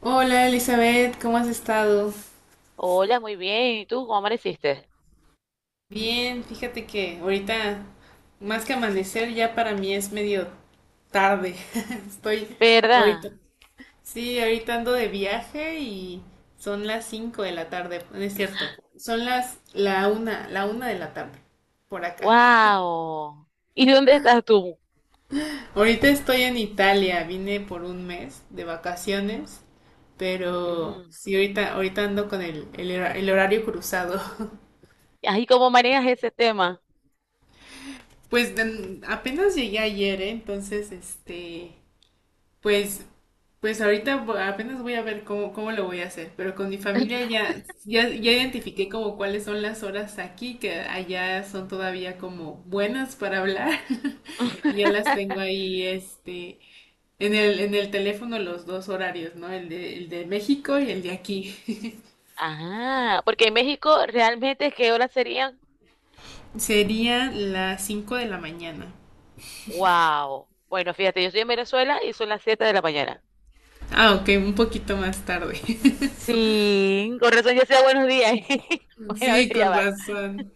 Hola Elizabeth, ¿cómo has estado? Hola, muy bien. ¿Y tú cómo amaneciste? Bien, fíjate que ahorita más que amanecer ya para mí es medio tarde. Estoy ¿Verdad? ahorita. Sí, ahorita ando de viaje y son las 5 de la tarde, no es cierto. Son la una de la tarde por acá. ¡Wow! ¿Y dónde estás tú? Ahorita estoy en Italia, vine por un mes de vacaciones, pero Ujú. sí ahorita ando con el horario cruzado. Ay, ¿cómo manejas ese tema? Pues apenas llegué ayer, ¿eh? Entonces, este, pues, pues ahorita apenas voy a ver cómo lo voy a hacer, pero con mi familia ya identifiqué como cuáles son las horas aquí, que allá son todavía como buenas para hablar, y ya las tengo ahí, este, en el teléfono los dos horarios, ¿no? El de México y el de aquí. Ah, porque en México realmente, ¿qué horas serían? Sería las 5 de la mañana. ¡Wow! Bueno, fíjate, yo estoy en Venezuela y son las 7 de la mañana. Ah, ok, un poquito más tarde. Sí, con razón ya sea buenos días. Bueno, Sí, ya con va. razón.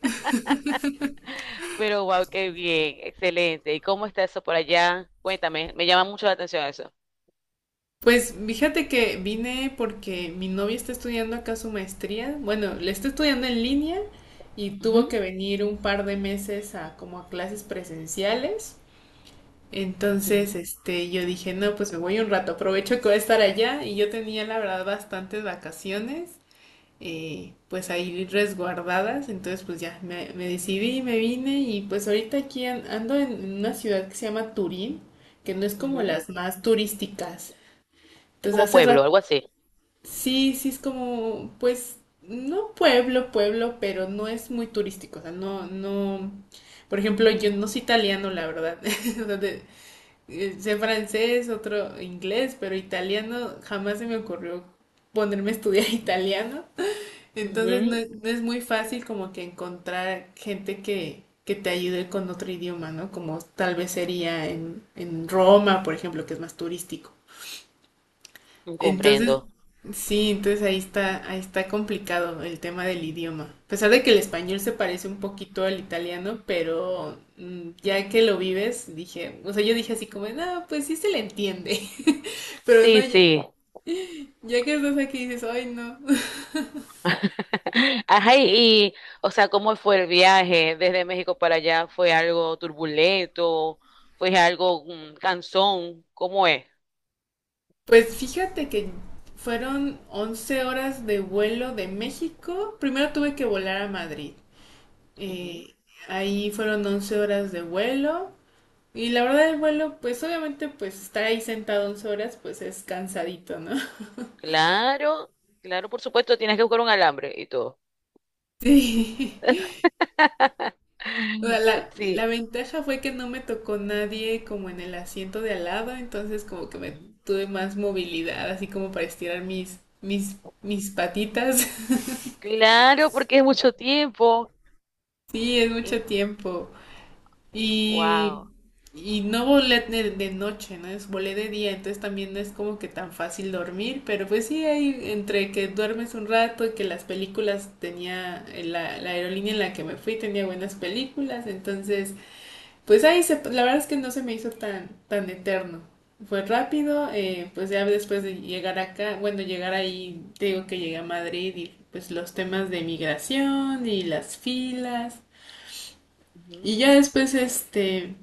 Pero wow, qué bien, excelente. ¿Y cómo está eso por allá? Cuéntame, me llama mucho la atención eso. Pues fíjate que vine porque mi novia está estudiando acá su maestría. Bueno, le está estudiando en línea y tuvo Ujú, que venir un par de meses a como a clases presenciales. Entonces, ujú, este, yo dije, no, pues me voy un rato, aprovecho que voy a estar allá y yo tenía la verdad bastantes vacaciones, pues ahí resguardadas. Entonces, pues ya me decidí, y me vine y pues ahorita aquí ando en una ciudad que se llama Turín, que no es como ujú. las más turísticas. Es Entonces como hace pueblo, rato. algo así. Sí, sí es como, pues, no pueblo, pueblo, pero no es muy turístico, o sea, no, no, por ejemplo, yo no soy italiano, la verdad. O sea, sé francés, otro inglés, pero italiano jamás se me ocurrió ponerme a estudiar italiano, entonces no es muy fácil como que encontrar gente que te ayude con otro idioma, ¿no? Como tal vez sería en Roma, por ejemplo, que es más turístico. Ujú, Entonces, comprendo. sí, entonces ahí está complicado el tema del idioma. A pesar de que el español se parece un poquito al italiano, pero ya que lo vives, dije, o sea, yo dije así como, no, pues sí se le entiende. Pero no, Sí, ya, sí. ya que estás aquí dices, ay, no. Ajá, y, o sea, ¿cómo fue el viaje desde México para allá? ¿Fue algo turbulento? ¿Fue algo cansón? ¿Cómo es? Pues fíjate que fueron 11 horas de vuelo de México. Primero tuve que volar a Madrid. Eh, ahí fueron 11 horas de vuelo. Y la verdad el vuelo, pues obviamente pues estar ahí sentado 11 horas pues es cansadito, ¿no? Claro, claro, por supuesto, tienes que buscar un alambre y todo. Sí. O sea, la Sí. ventaja fue que no me tocó nadie como en el asiento de al lado, entonces como que me Ujú. tuve más movilidad, así como para estirar mis patitas. Claro, porque es mucho tiempo. Sí, es Y, mucho tiempo. Y, wow. y no volé de noche, ¿no? Es volé de día, entonces también no es como que tan fácil dormir, pero pues sí, ahí entre que duermes un rato y que las películas tenía, la aerolínea en la que me fui tenía buenas películas, entonces pues ahí se, la verdad es que no se me hizo tan, tan eterno. Fue rápido, pues ya después de llegar acá, bueno, llegar ahí, te digo que llegué a Madrid y pues los temas de migración y las filas Ujú. y ya después, este,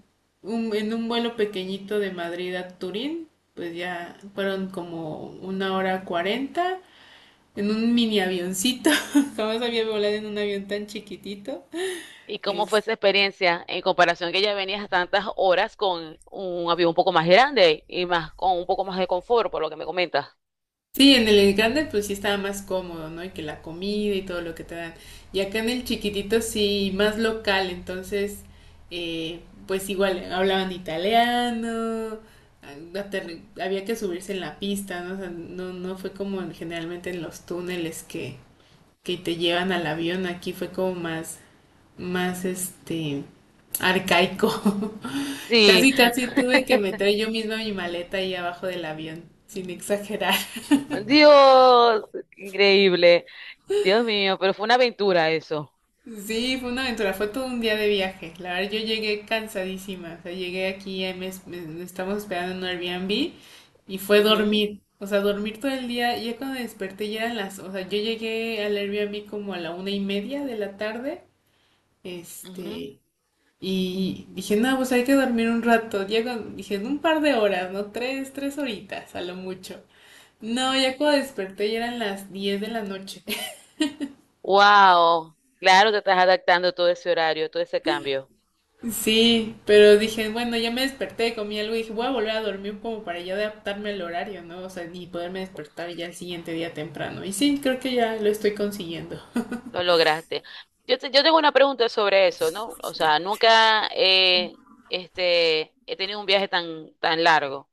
en un vuelo pequeñito de Madrid a Turín, pues ya fueron como una hora cuarenta en un mini avioncito. Jamás había volado en un avión tan chiquitito. ¿Y cómo fue esa experiencia en comparación que ya venías tantas horas con un avión un poco más grande y más con un poco más de confort, por lo que me comentas? Sí, en el grande pues sí estaba más cómodo, ¿no? Y que la comida y todo lo que te dan. Y acá en el chiquitito sí, más local, entonces eh, pues igual hablaban italiano, había que subirse en la pista, ¿no? O sea, no, no fue como generalmente en los túneles que te llevan al avión, aquí fue como más este, arcaico. Sí. Casi, casi tuve que meter yo misma mi maleta ahí abajo del avión, sin exagerar. Dios, increíble. Dios mío, pero fue una aventura eso. Sí, fue una aventura, fue todo un día de viaje. La verdad, yo llegué cansadísima. O sea, llegué aquí, estamos esperando en un Airbnb y fue Ujú, dormir. O sea, dormir todo el día. Ya cuando desperté ya eran las. O sea, yo llegué al Airbnb como a la una y media de la tarde. ujú. Este. Y dije, no, pues hay que dormir un rato. Ya dije, en un par de horas, ¿no? Tres horitas, a lo mucho. No, ya cuando desperté ya eran las 10 de la noche. Wow, claro, te estás adaptando a todo ese horario, todo ese cambio. Sí, pero dije, bueno, ya me desperté, comí algo y dije, voy a volver a dormir como para ya adaptarme al horario, ¿no? O sea, y poderme despertar ya el siguiente día temprano. Y sí, creo que ya lo estoy consiguiendo. Lo lograste. Yo, yo tengo una pregunta sobre eso, ¿no? O sea, nunca he tenido un viaje tan, tan largo.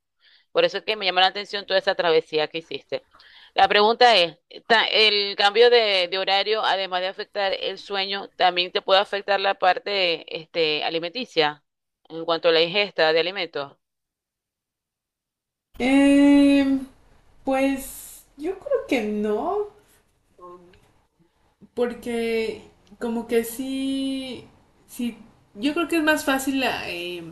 Por eso es que me llamó la atención toda esa travesía que hiciste. La pregunta es, ¿el cambio de horario, además de afectar el sueño, también te puede afectar la parte alimenticia en cuanto a la ingesta de alimentos? Eh, pues yo creo que no, porque como que sí, sí, yo creo que es más fácil ah, eh,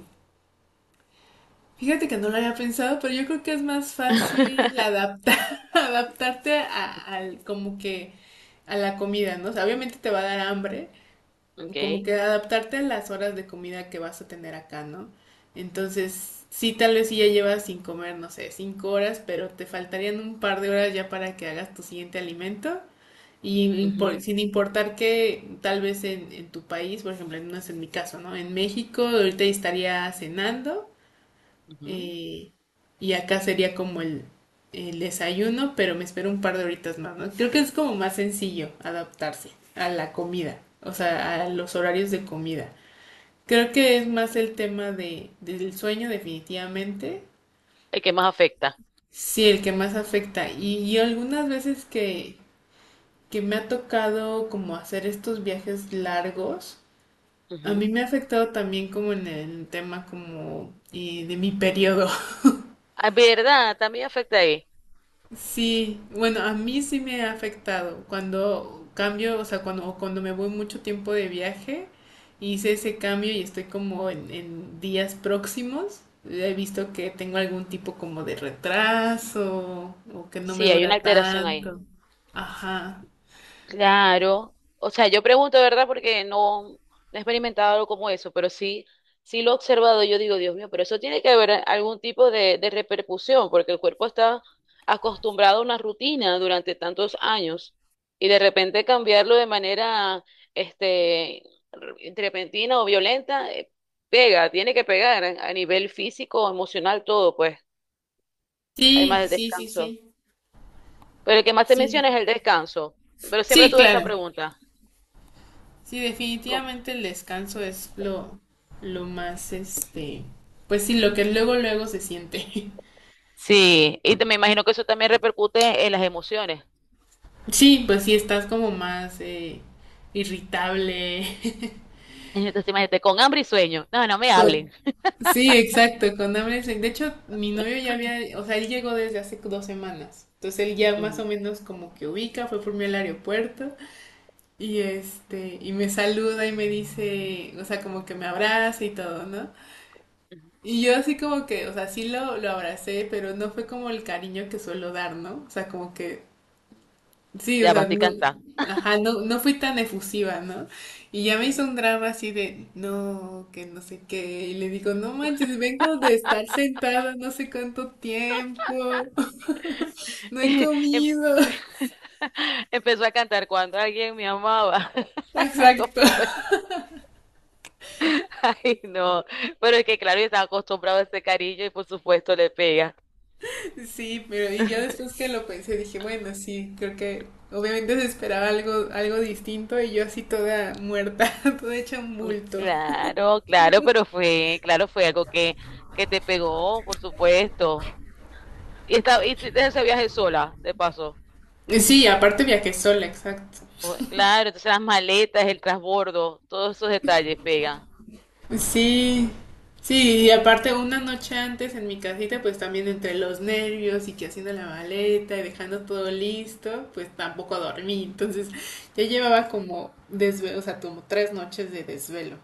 Fíjate que no lo había pensado, pero yo creo que es más fácil adaptar, adaptarte al, como que a la comida, ¿no? O sea, obviamente te va a dar hambre, como Ok. que adaptarte a las horas de comida que vas a tener acá, ¿no? Entonces, sí, tal vez sí ya llevas sin comer, no sé, 5 horas, pero te faltarían un par de horas ya para que hagas tu siguiente alimento. Y Ujú, sin importar que tal vez en tu país, por ejemplo, no es en mi caso, ¿no? En México ahorita estaría cenando ujú. eh, y acá sería como el desayuno, pero me espero un par de horitas más, ¿no? Creo que es como más sencillo adaptarse a la comida, o sea, a los horarios de comida. Creo que es más el tema del sueño definitivamente, El que más afecta. sí, el que más afecta. Y algunas veces que me ha tocado como hacer estos viajes largos, a mí Ujú. me ha afectado también como en el tema como de mi periodo. Ah, ¿verdad? También afecta ahí. Sí, bueno, a mí sí me ha afectado cuando cambio, o sea, cuando, o cuando me voy mucho tiempo de viaje, hice ese cambio y estoy como en días próximos. He visto que tengo algún tipo como de retraso o que no me Sí, hay una dura alteración ahí. tanto. Ajá. Claro, o sea, yo pregunto, ¿verdad? Porque no, no he experimentado algo como eso, pero sí, sí lo he observado. Yo digo, Dios mío, pero eso tiene que haber algún tipo de repercusión, porque el cuerpo está acostumbrado a una rutina durante tantos años y de repente cambiarlo de manera, este, repentina o violenta, pega, tiene que pegar a nivel físico, emocional, todo, pues, Sí, además del sí, sí, descanso. sí. Pero el que más se Sí, menciona es el descanso, pero siempre sí, tuve esa claro. pregunta. Sí, definitivamente el descanso es lo más, este, pues sí, lo que luego, luego se siente. Sí, y me imagino que eso también repercute en las emociones. Sí, pues sí, estás como más irritable. Entonces, imagínate, con hambre y sueño. No, no me Con- hablen. sí, exacto, con hambre. De hecho, mi novio ya había, o sea, él llegó desde hace 2 semanas. Entonces él ya más o Ujú, menos como que ubica, fue por mí al aeropuerto y este, y me saluda y me dice, o sea, como que me abraza y todo, ¿no? ujú. Y yo así como que, o sea, sí lo abracé, pero no fue como el cariño que suelo dar, ¿no? O sea, como que sí, o Ya va, sea, estoy no, cansada. ajá, no, no fui tan efusiva, ¿no? Y ya me hizo un Ujú. drama así de, no, que no sé qué. Y le digo, no manches, vengo de estar sentada no sé cuánto tiempo, no he Em- comido. Empezó a cantar cuando alguien me amaba. Exacto. ¿Cómo estoy? Ay, no. Pero es que, claro, yo estaba acostumbrado a ese cariño y por supuesto le pega. Sí, pero y ya después que lo pensé, dije, bueno, sí, creo que obviamente se esperaba algo, algo distinto y yo así toda muerta, toda hecha un bulto. Claro, claro, pero fue, claro, fue algo que te pegó, por supuesto. Y, esta, y hiciste ese viaje sola, de paso. Sí, aparte viajé sola, exacto. Claro, entonces las maletas, el transbordo, todos esos detalles pegan. Pues sí, sí, y aparte una noche antes en mi casita, pues también entre los nervios y que haciendo la maleta y dejando todo listo, pues tampoco dormí. Entonces ya llevaba como desvelo, o sea, como 3 noches de desvelo.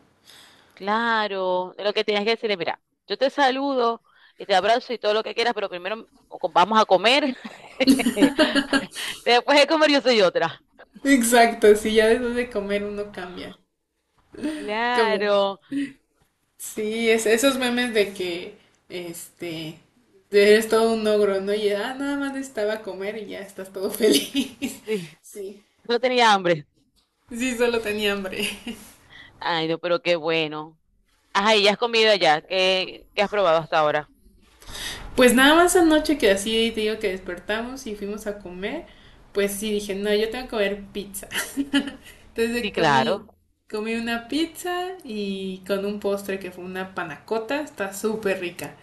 Claro, lo que tienes que decirle, mira, yo te saludo y te abrazo y todo lo que quieras, pero primero o vamos a comer. Después de comer yo soy otra. Exacto, sí, ya después de comer uno cambia. Como, Claro, sí, es, esos memes de que, este, eres todo un ogro, ¿no? Y nada más necesitaba comer y ya estás todo feliz. sí, Sí, no tenía hambre. sí, solo tenía hambre. Ay, no, pero qué bueno. Ajá, ¿y ya has comido allá? ¿Qué, qué has probado hasta ahora? Pues nada más anoche que así te digo que despertamos y fuimos a comer, pues sí dije, no, yo tengo que comer pizza. Sí, Entonces claro. comí una pizza y con un postre que fue una panacota, está súper rica.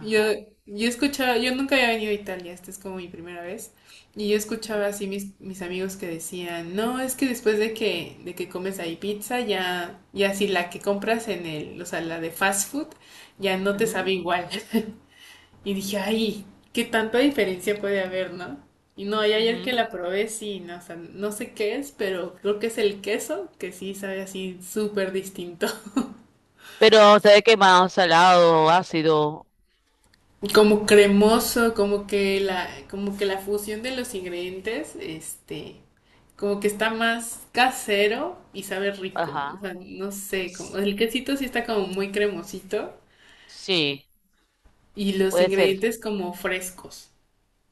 Yo, yo escuchaba, yo nunca había venido a Italia, esta es como mi primera vez, y yo escuchaba Ujú, así mis amigos que decían, no, es que después de que comes ahí pizza, ya, ya si la que compras en el, o sea, la de fast food, ya no te sabe ujú, igual. Y dije, ay, qué tanta diferencia puede haber, ¿no? Y no, y ayer que ujú. la probé, sí, no, o sea, no sé qué es, pero creo que es el queso, que sí sabe así súper distinto. Pero, ¿sabe qué más? Salado, ácido. Como cremoso, como que la fusión de los ingredientes, este, como que está más casero y sabe rico. O Ajá. sea, no sé, como el quesito sí está como muy cremosito Sí, y los puede ser, ingredientes como frescos.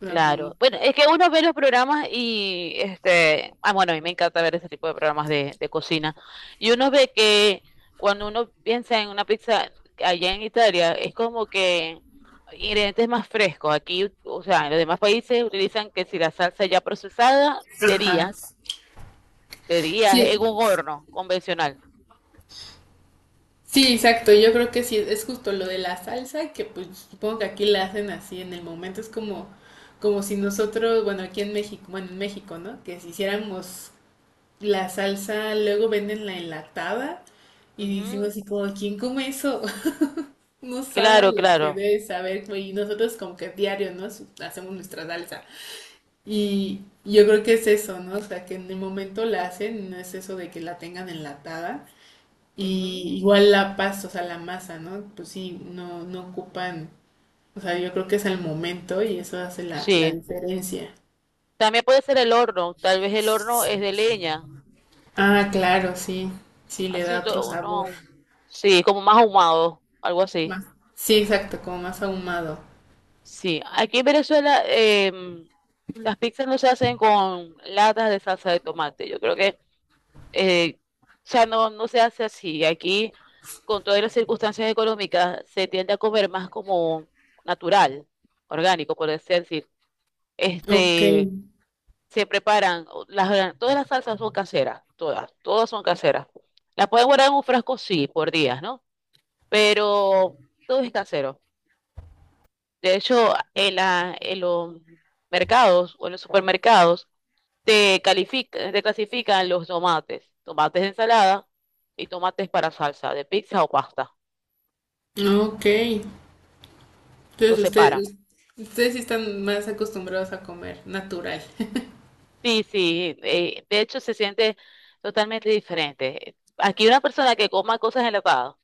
O sea, como, claro. Bueno, es que uno ve los programas y este, ah, bueno, a mí me encanta ver ese tipo de programas de cocina. Y uno ve que cuando uno piensa en una pizza allá en Italia, es como que ingredientes más frescos. Aquí, o sea, en los demás países utilizan que si la salsa ya procesada ajá. De días Sí, en un horno convencional. sí, exacto. Yo creo que sí, es justo lo de la salsa, que pues supongo que aquí la hacen así en el momento. Es como si nosotros, bueno, aquí en México, bueno, en México, ¿no? Que si hiciéramos la salsa, luego venden la enlatada y decimos Ujú, así como, ¿quién come eso? No sabe a claro, lo que claro. debe saber, güey. Y nosotros como que diario, ¿no? Hacemos nuestra salsa. Y yo creo que es eso, ¿no? O sea, que en el momento la hacen, no es eso de que la tengan enlatada. Ujú, Y igual la pasta, o sea, la masa, ¿no? Pues sí, no, no ocupan, o sea, yo creo que es al momento y eso hace la sí. diferencia. También puede ser el horno. Tal vez el horno es de leña. Ah, claro, sí, sí, le Así da un otro sabor. no. Sí, como más ahumado, algo así. Más, sí, exacto, como más ahumado. Sí. Aquí en Venezuela las pizzas no se hacen con latas de salsa de tomate. Yo creo que eh, o sea, no, no se hace así. Aquí, con todas las circunstancias económicas, se tiende a comer más como natural, orgánico, por así decir. Ok, Este, se preparan, las, todas las salsas son caseras, todas, todas son caseras. Las pueden guardar en un frasco, sí, por días, ¿no? Pero todo es casero. De hecho, en en los mercados o en los supermercados, te califica, te clasifican los tomates, tomates de ensalada y tomates para salsa de pizza o pasta. ok. Entonces Los separan. ustedes sí están más acostumbrados a comer natural. Sí, sí, de hecho se siente totalmente diferente. Aquí una persona que coma cosas enlatadas,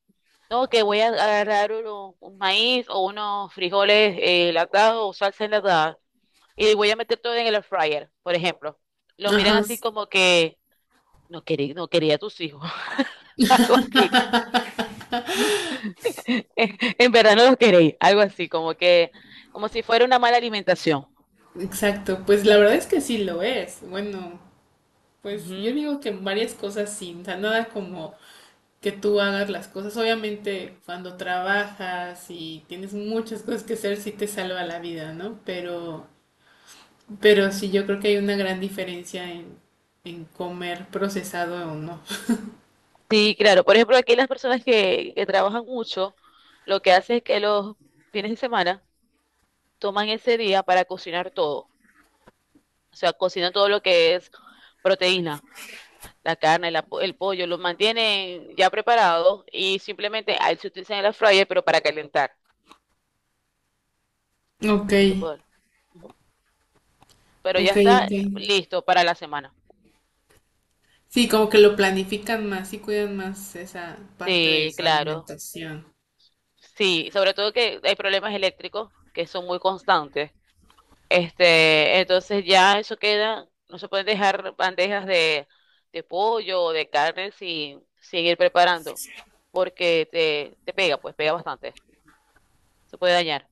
no, que voy a agarrar un maíz o unos frijoles enlatados o salsa enlatada y voy a meter todo en el air fryer, por ejemplo. Lo miran Ajá, así como que no quería, no quería a tus hijos. Algo así. En verdad no los queréis, algo así, como que, como si fuera una mala alimentación. exacto. Pues la verdad es que sí lo es. Bueno, pues yo Ujú. digo que en varias cosas sí. O sea, nada como que tú hagas las cosas. Obviamente, cuando trabajas y tienes muchas cosas que hacer, sí te salva la vida, ¿no? Pero sí, yo creo que hay una gran diferencia en comer procesado o no. Sí, claro. Por ejemplo, aquí las personas que trabajan mucho, lo que hacen es que los fines de semana toman ese día para cocinar todo. O sea, cocinan todo lo que es proteína, la carne, el pollo, lo mantienen ya preparado y simplemente ahí se utilizan el air fryer, pero para calentar Ok, ese tipo de... Ujú. Pero ya ok, está ok. listo para la semana. Sí, como que lo planifican más y cuidan más esa parte de Sí, su claro. alimentación. Sí, sobre todo que hay problemas eléctricos que son muy constantes. Este, entonces ya eso queda, no se pueden dejar bandejas de pollo o de carne sin, sin ir preparando, porque te pega, pues pega bastante, se puede dañar.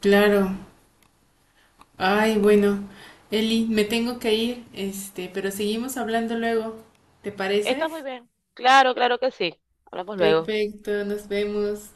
Claro. Ay, bueno, Eli, me tengo que ir, este, pero seguimos hablando luego. ¿Te Está parece? muy bien, claro, claro que sí. Hablamos luego. Perfecto, nos vemos.